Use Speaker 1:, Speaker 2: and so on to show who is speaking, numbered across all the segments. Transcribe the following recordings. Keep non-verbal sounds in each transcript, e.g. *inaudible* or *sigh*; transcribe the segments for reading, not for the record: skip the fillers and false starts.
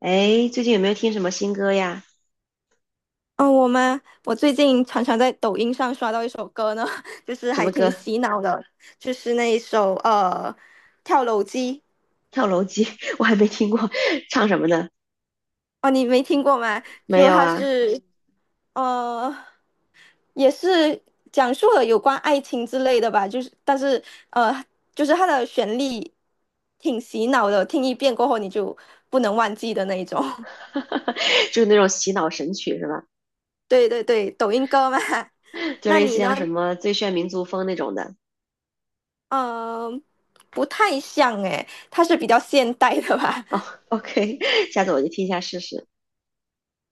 Speaker 1: 哎，最近有没有听什么新歌呀？
Speaker 2: 我最近常常在抖音上刷到一首歌呢，*laughs* 就是
Speaker 1: 什
Speaker 2: 还
Speaker 1: 么
Speaker 2: 挺
Speaker 1: 歌？
Speaker 2: 洗脑的，就是那一首《跳楼机》。
Speaker 1: 跳楼机，*laughs* 我还没听过，唱什么的？
Speaker 2: 哦，你没听过吗？
Speaker 1: 没
Speaker 2: 就
Speaker 1: 有
Speaker 2: 它
Speaker 1: 啊，
Speaker 2: 是呃也是讲述了有关爱情之类的吧，就是但是呃就是它的旋律挺洗脑的，听一遍过后你就不能忘记的那一种。
Speaker 1: *laughs* 就是那种洗脑神曲是吧？
Speaker 2: *laughs* 对对对，抖音歌嘛。*laughs*
Speaker 1: 就
Speaker 2: 那
Speaker 1: 类似
Speaker 2: 你
Speaker 1: 像
Speaker 2: 呢？
Speaker 1: 什么最炫民族风那种的。
Speaker 2: 嗯、不太像诶，它是比较现代的吧？
Speaker 1: 哦，OK，*laughs* 下次我就听一下试试。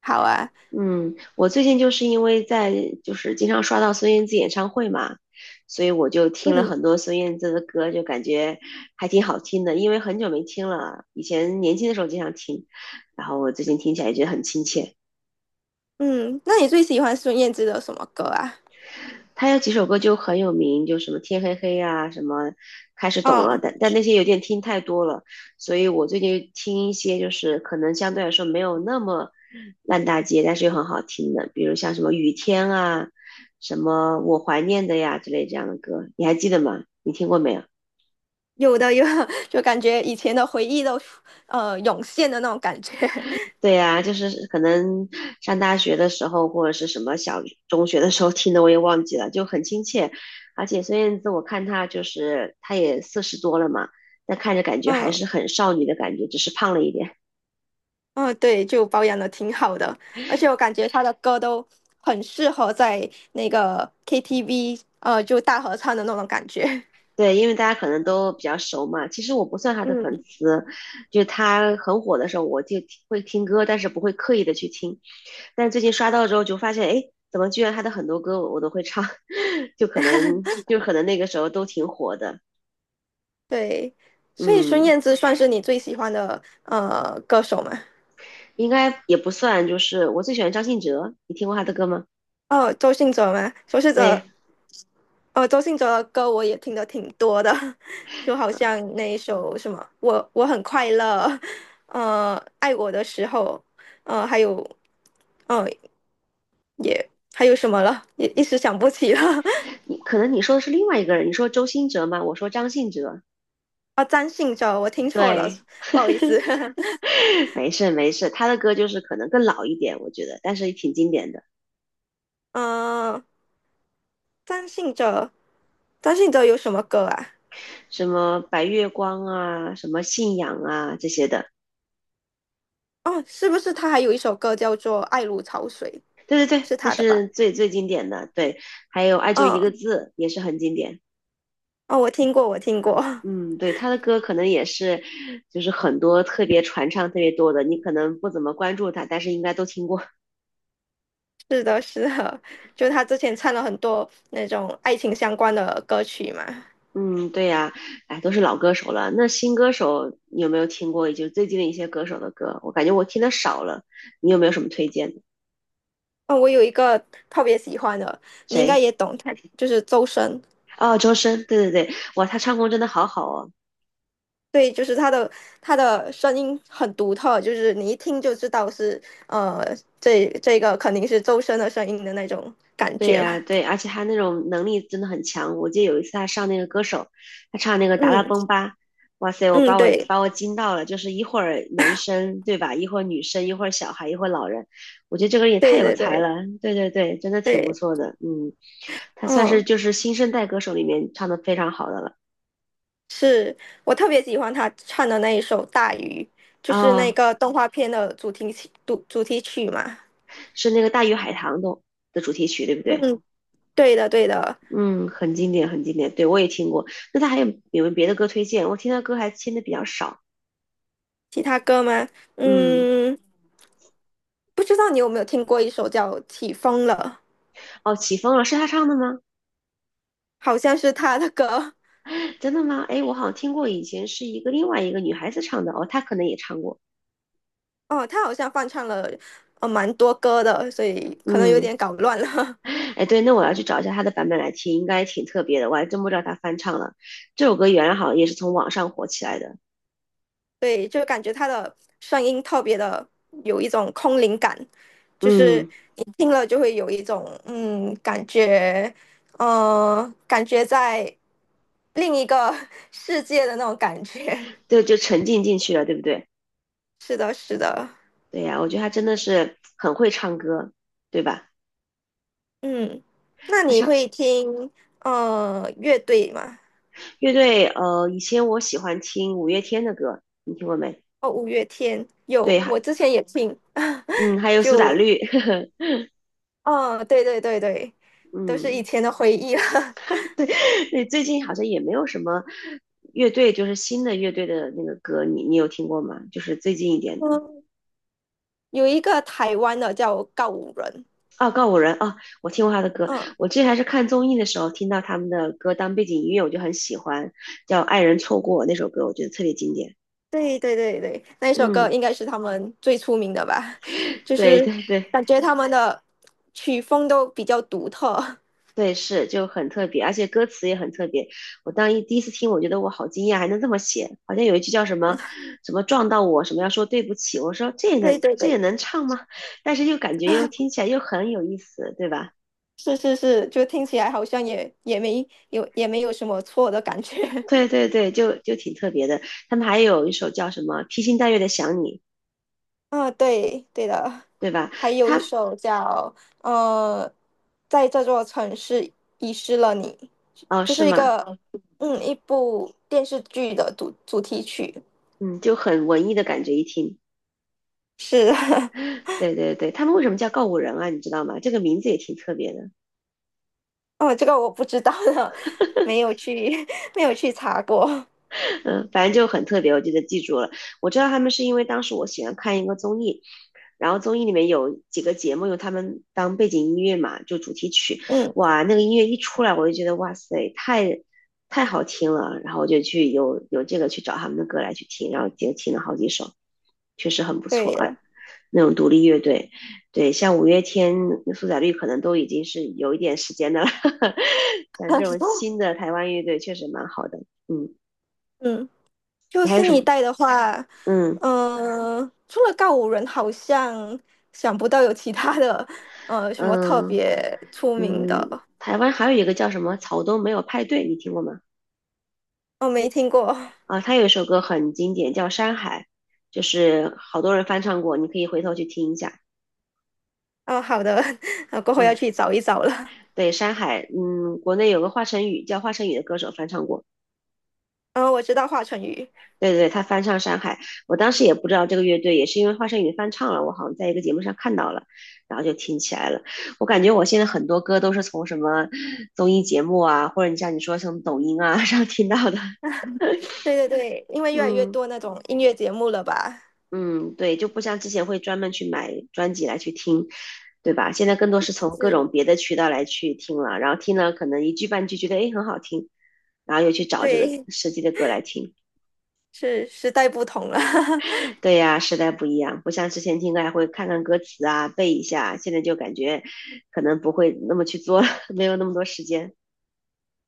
Speaker 2: 好啊。
Speaker 1: 嗯，我最近就是因为在就是经常刷到孙燕姿演唱会嘛，所以我就听了
Speaker 2: 嗯
Speaker 1: 很多孙燕姿的歌，就感觉还挺好听的。因为很久没听了，以前年轻的时候经常听，然后我最近听起来觉得很亲切。
Speaker 2: 嗯，那你最喜欢孙燕姿的什么歌啊？
Speaker 1: 他有几首歌就很有名，就什么天黑黑啊，什么开始懂了，
Speaker 2: 嗯，
Speaker 1: 但那些有点听太多了，所以我最近听一些就是可能相对来说没有那么烂大街，但是又很好听的，比如像什么雨天啊，什么我怀念的呀之类这样的歌，你还记得吗？你听过没有？
Speaker 2: 有的有的。 *laughs* 就感觉以前的回忆都涌现的那种感觉。*laughs*
Speaker 1: 对呀，就是可能上大学的时候，或者是什么小中学的时候听的，我也忘记了，就很亲切。而且孙燕姿，我看她就是她也四十多了嘛，但看着感觉还
Speaker 2: 嗯
Speaker 1: 是很少女的感觉，只是胖了一点。
Speaker 2: 嗯，对，就保养的挺好的，而且我感觉她的歌都很适合在那个 KTV 就大合唱的那种感觉。*laughs*
Speaker 1: 对，因为大家可能都比较熟嘛。其实我不算她的粉
Speaker 2: 嗯，
Speaker 1: 丝，就她很火的时候，我就听会听歌，但是不会刻意的去听。但最近刷到之后，就发现，哎，怎么居然她的很多歌我都会唱，*laughs* 就可能那个时候都挺火的，
Speaker 2: 对，所以孙
Speaker 1: 嗯。
Speaker 2: 燕姿算是你最喜欢的歌手吗？
Speaker 1: 应该也不算，就是我最喜欢张信哲，你听过他的歌吗？
Speaker 2: 哦，周信哲吗？周信
Speaker 1: 对
Speaker 2: 哲，哦，周信哲的歌我也听的挺多的，*laughs* 就好像那一首什么《我很快乐》，呃，爱我的时候，呃，还有，哦，还有什么了？一时想不起了。*laughs*
Speaker 1: 你，可能你说的是另外一个人，你说周兴哲吗？我说张信哲。
Speaker 2: 啊，张信哲，我听错了，
Speaker 1: 对，
Speaker 2: 不好意思。*laughs*
Speaker 1: *laughs* 没事没事，他的歌就是可能更老一点，我觉得，但是也挺经典的，
Speaker 2: 嗯、张信哲，张信哲有什么歌啊？
Speaker 1: 什么白月光啊，什么信仰啊这些的。
Speaker 2: 哦，是不是他还有一首歌叫做《爱如潮水》，
Speaker 1: 对对对，
Speaker 2: 是
Speaker 1: 那
Speaker 2: 他的吧？
Speaker 1: 是最最经典的。对，还有爱就一个
Speaker 2: 嗯，
Speaker 1: 字也是很经典。
Speaker 2: 哦，我听过，我听过。
Speaker 1: 嗯，对，他的歌可能也是，就是很多特别传唱特别多的，你可能不怎么关注他，但是应该都听过。
Speaker 2: 是的，是的，就他之前唱了很多那种爱情相关的歌曲嘛。
Speaker 1: 嗯，对呀，哎，都是老歌手了。那新歌手你有没有听过？也就最近的一些歌手的歌，我感觉我听的少了。你有没有什么推荐的？
Speaker 2: 哦，我有一个特别喜欢的，你应该
Speaker 1: 谁？
Speaker 2: 也懂，他就是周深。
Speaker 1: 哦，周深，对对对，哇，他唱功真的好好哦。
Speaker 2: 对，就是他的声音很独特，就是你一听就知道是呃，这个肯定是周深的声音的那种感
Speaker 1: 对
Speaker 2: 觉
Speaker 1: 呀，
Speaker 2: 吧。
Speaker 1: 对，而且他那种能力真的很强。我记得有一次他上那个歌手，他唱那个《达拉
Speaker 2: 嗯
Speaker 1: 崩吧》，哇塞，我把
Speaker 2: 嗯，
Speaker 1: 我
Speaker 2: 对
Speaker 1: 把我惊到了，就是一会儿男生对吧，一会儿女生，一会儿小孩，一会儿老人，我觉得这个人也太
Speaker 2: 对
Speaker 1: 有
Speaker 2: 对
Speaker 1: 才
Speaker 2: 对
Speaker 1: 了。对对对，真的挺不
Speaker 2: 对，
Speaker 1: 错的，嗯，他算是
Speaker 2: 嗯，
Speaker 1: 就是新生代歌手里面唱的非常好的了
Speaker 2: 是，我特别喜欢他唱的那一首《大鱼》，就是那
Speaker 1: 啊，
Speaker 2: 个动画片的主题曲嘛。
Speaker 1: 是那个《大鱼海棠》的主题曲，对不对？
Speaker 2: 嗯，对的，对的。
Speaker 1: 嗯，很经典，很经典，对我也听过。那他还有有没有别的歌推荐？我听他歌还听的比较少，
Speaker 2: 其他歌吗？
Speaker 1: 嗯。
Speaker 2: 嗯，不知道你有没有听过一首叫《起风了》，
Speaker 1: 哦，起风了，是她唱的吗？
Speaker 2: 好像是他的歌。
Speaker 1: 真的吗？哎，我好像听过，以前是另外一个女孩子唱的，哦，她可能也唱过。
Speaker 2: 哦，他好像翻唱了蛮多歌的，所以可能有
Speaker 1: 嗯，
Speaker 2: 点搞乱了。
Speaker 1: 哎，对，那我要去找一下她的版本来听，应该挺特别的，我还真不知道她翻唱了。这首歌原来好像也是从网上火起来的。
Speaker 2: *laughs* 对，就感觉他的声音特别的有一种空灵感，就是
Speaker 1: 嗯，
Speaker 2: 你听了就会有一种感觉，呃，感觉在另一个 *laughs* 世界的那种感觉。
Speaker 1: 对，就沉浸进去了，对不对？
Speaker 2: *laughs* 是的，是的。
Speaker 1: 对呀，我觉得她真的是很会唱歌，对吧？
Speaker 2: 嗯，那
Speaker 1: 她
Speaker 2: 你
Speaker 1: 唱
Speaker 2: 会听乐队吗？
Speaker 1: 乐队，以前我喜欢听五月天的歌，你听过没？
Speaker 2: 哦，五月天有，
Speaker 1: 对，还
Speaker 2: 我之前也听，
Speaker 1: 嗯，还
Speaker 2: *laughs*
Speaker 1: 有苏打
Speaker 2: 就
Speaker 1: 绿，
Speaker 2: 哦，对对对对，
Speaker 1: *laughs*
Speaker 2: 都是
Speaker 1: 嗯。
Speaker 2: 以前的回忆了。
Speaker 1: *laughs* 对，最近好像也没有什么乐队，就是新的乐队的那个歌，你有听过吗？就是最近一
Speaker 2: *laughs*
Speaker 1: 点的
Speaker 2: 嗯，有一个台湾的叫告五人。
Speaker 1: 啊，告五人啊，我听过他的歌。
Speaker 2: 嗯，
Speaker 1: 我之前还是看综艺的时候听到他们的歌当背景音乐，我就很喜欢，叫《爱人错过》那首歌，我觉得特别经典。
Speaker 2: 对对对对，那首歌
Speaker 1: 嗯，
Speaker 2: 应该是他们最出名的吧，就
Speaker 1: 对
Speaker 2: 是
Speaker 1: 对对。
Speaker 2: 感觉他们的曲风都比较独特。
Speaker 1: 对，是就很特别，而且歌词也很特别。我当一第一次听，我觉得我好惊讶，还能这么写。好像有一句叫什么什么撞到我，什么要说对不起，我说这也
Speaker 2: *laughs* 对
Speaker 1: 能
Speaker 2: 对
Speaker 1: 这也
Speaker 2: 对，
Speaker 1: 能唱吗？*laughs* 但是又感觉又听起来又很有意思，对吧？
Speaker 2: 是是是，就听起来好像也没有没有什么错的感觉。
Speaker 1: 对对对，就挺特别的。他们还有一首叫什么披星戴月的想你，
Speaker 2: 啊，对，对的，
Speaker 1: 对吧？
Speaker 2: 还有一
Speaker 1: 他
Speaker 2: 首叫呃，在这座城市遗失了你，
Speaker 1: 哦
Speaker 2: 就
Speaker 1: 是
Speaker 2: 是一
Speaker 1: 吗？
Speaker 2: 个嗯一部电视剧的主题曲，
Speaker 1: 嗯，就很文艺的感觉，一听。
Speaker 2: 是，*laughs*
Speaker 1: 对对对，他们为什么叫告五人啊？你知道吗？这个名字也挺特别的。
Speaker 2: 哦，这个我不知道了，没有去 *laughs* 没有去查过，
Speaker 1: 嗯，反正就很特别，我记得记住了。我知道他们是因为当时我喜欢看一个综艺，然后综艺里面有几个节目用他们当背景音乐嘛，就主题曲。
Speaker 2: 嗯，
Speaker 1: 哇，那个音乐一出来，我就觉得哇塞，太好听了。然后我就去这个去找他们的歌来去听，然后也听了好几首，确实很不错
Speaker 2: 对
Speaker 1: 啊。
Speaker 2: 的，
Speaker 1: 那种独立乐队，对，像五月天、苏打绿可能都已经是有一点时间的了。*laughs* 像这种新
Speaker 2: *laughs*
Speaker 1: 的台湾乐队确实蛮好的，嗯。
Speaker 2: 嗯，就
Speaker 1: 你还有
Speaker 2: 新
Speaker 1: 什
Speaker 2: 一
Speaker 1: 么
Speaker 2: 代的话，
Speaker 1: 嗯
Speaker 2: 除了告五人，好像想不到有其他的什么特
Speaker 1: 嗯
Speaker 2: 别出名的。
Speaker 1: 台湾还有一个叫什么草东没有派对，你听过吗？
Speaker 2: 我没听过。
Speaker 1: 啊，他有一首歌很经典，叫《山海》，就是好多人翻唱过，你可以回头去听一下。
Speaker 2: 哦，好的，*laughs* 呃，过后
Speaker 1: 嗯，
Speaker 2: 要去找一找了。
Speaker 1: 对，《山海》，嗯，国内有个华晨宇叫华晨宇的歌手翻唱过，
Speaker 2: 嗯，我知道华晨宇。
Speaker 1: 对对对，他翻唱《山海》，我当时也不知道这个乐队，也是因为华晨宇翻唱了，我好像在一个节目上看到了，然后就听起来了。我感觉我现在很多歌都是从什么综艺节目啊，或者你像你说从抖音啊 *laughs* 上听到的，
Speaker 2: 对对对，因为越来越
Speaker 1: 嗯。
Speaker 2: 多那种音乐节目了吧？
Speaker 1: 嗯，对，就不像之前会专门去买专辑来去听，对吧？现在更多是从各
Speaker 2: 是，
Speaker 1: 种别的渠道来去听了，然后听了可能一句半句觉得诶很好听，然后又去找这个
Speaker 2: 对，
Speaker 1: 实际的歌来听。
Speaker 2: 是时代不同了，
Speaker 1: 对呀，时代不一样，不像之前听歌还会看看歌词啊，背一下，现在就感觉可能不会那么去做了，没有那么多时间。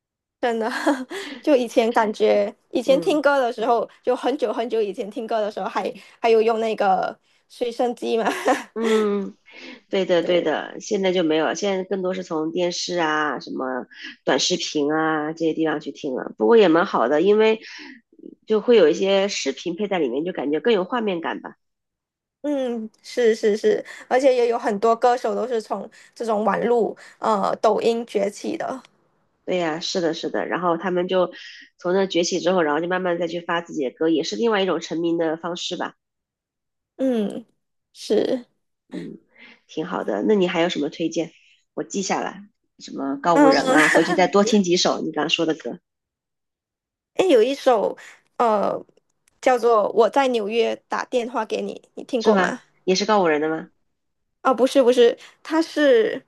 Speaker 2: *laughs* 真的。*laughs* 就以前感觉，以前
Speaker 1: 嗯。
Speaker 2: 听歌的时候，就很久很久以前听歌的时候还，还有用那个随身机嘛。
Speaker 1: 嗯，对的，
Speaker 2: *laughs*
Speaker 1: 对
Speaker 2: 对，
Speaker 1: 的，现在就没有了，现在更多是从电视啊、什么短视频啊这些地方去听了。不过也蛮好的，因为就会有一些视频配在里面，就感觉更有画面感吧。
Speaker 2: 嗯，是是是，而且也有很多歌手都是从这种网络抖音崛起的。
Speaker 1: 对呀，是的，是的。然后他们就从那崛起之后，然后就慢慢再去发自己的歌，也是另外一种成名的方式吧。
Speaker 2: 嗯，是。
Speaker 1: 嗯，挺好的。那你还有什么推荐？我记下来，什么告五
Speaker 2: 嗯，
Speaker 1: 人啊，回去再
Speaker 2: *laughs*
Speaker 1: 多听几首你刚刚说的歌，
Speaker 2: 哎，有一首呃叫做《我在纽约打电话给你》，你听
Speaker 1: 是
Speaker 2: 过
Speaker 1: 吗？
Speaker 2: 吗？
Speaker 1: 也是告五人的吗？
Speaker 2: 哦，不是不是，她是，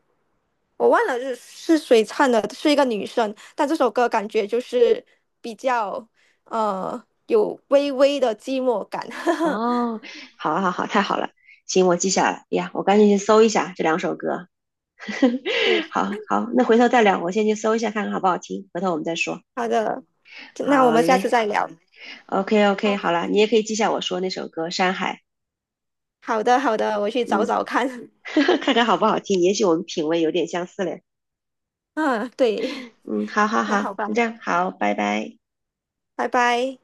Speaker 2: 我忘了是谁唱的，是一个女生，但这首歌感觉就是比较有微微的寂寞感。*laughs*
Speaker 1: 哦，好啊，好啊，好，太好了，行，我记下来。哎呀，我赶紧去搜一下这两首歌。*laughs*
Speaker 2: 对，
Speaker 1: 好好，那回头再聊，我先去搜一下看看好不好听，回头我们再说。
Speaker 2: 好的，那我
Speaker 1: 好
Speaker 2: 们下次
Speaker 1: 嘞
Speaker 2: 再聊。
Speaker 1: ，OK OK，
Speaker 2: 好，
Speaker 1: 好了，你也可以记下我说那首歌《山海》，
Speaker 2: 好的好的，我去找
Speaker 1: 嗯，
Speaker 2: 找看。*laughs*
Speaker 1: *laughs* 看看好不好听，也许我们品味有点相似嘞。
Speaker 2: 嗯，对，
Speaker 1: 嗯，好好
Speaker 2: 那
Speaker 1: 好，
Speaker 2: 好吧，
Speaker 1: 那这样好，拜拜。
Speaker 2: 拜拜。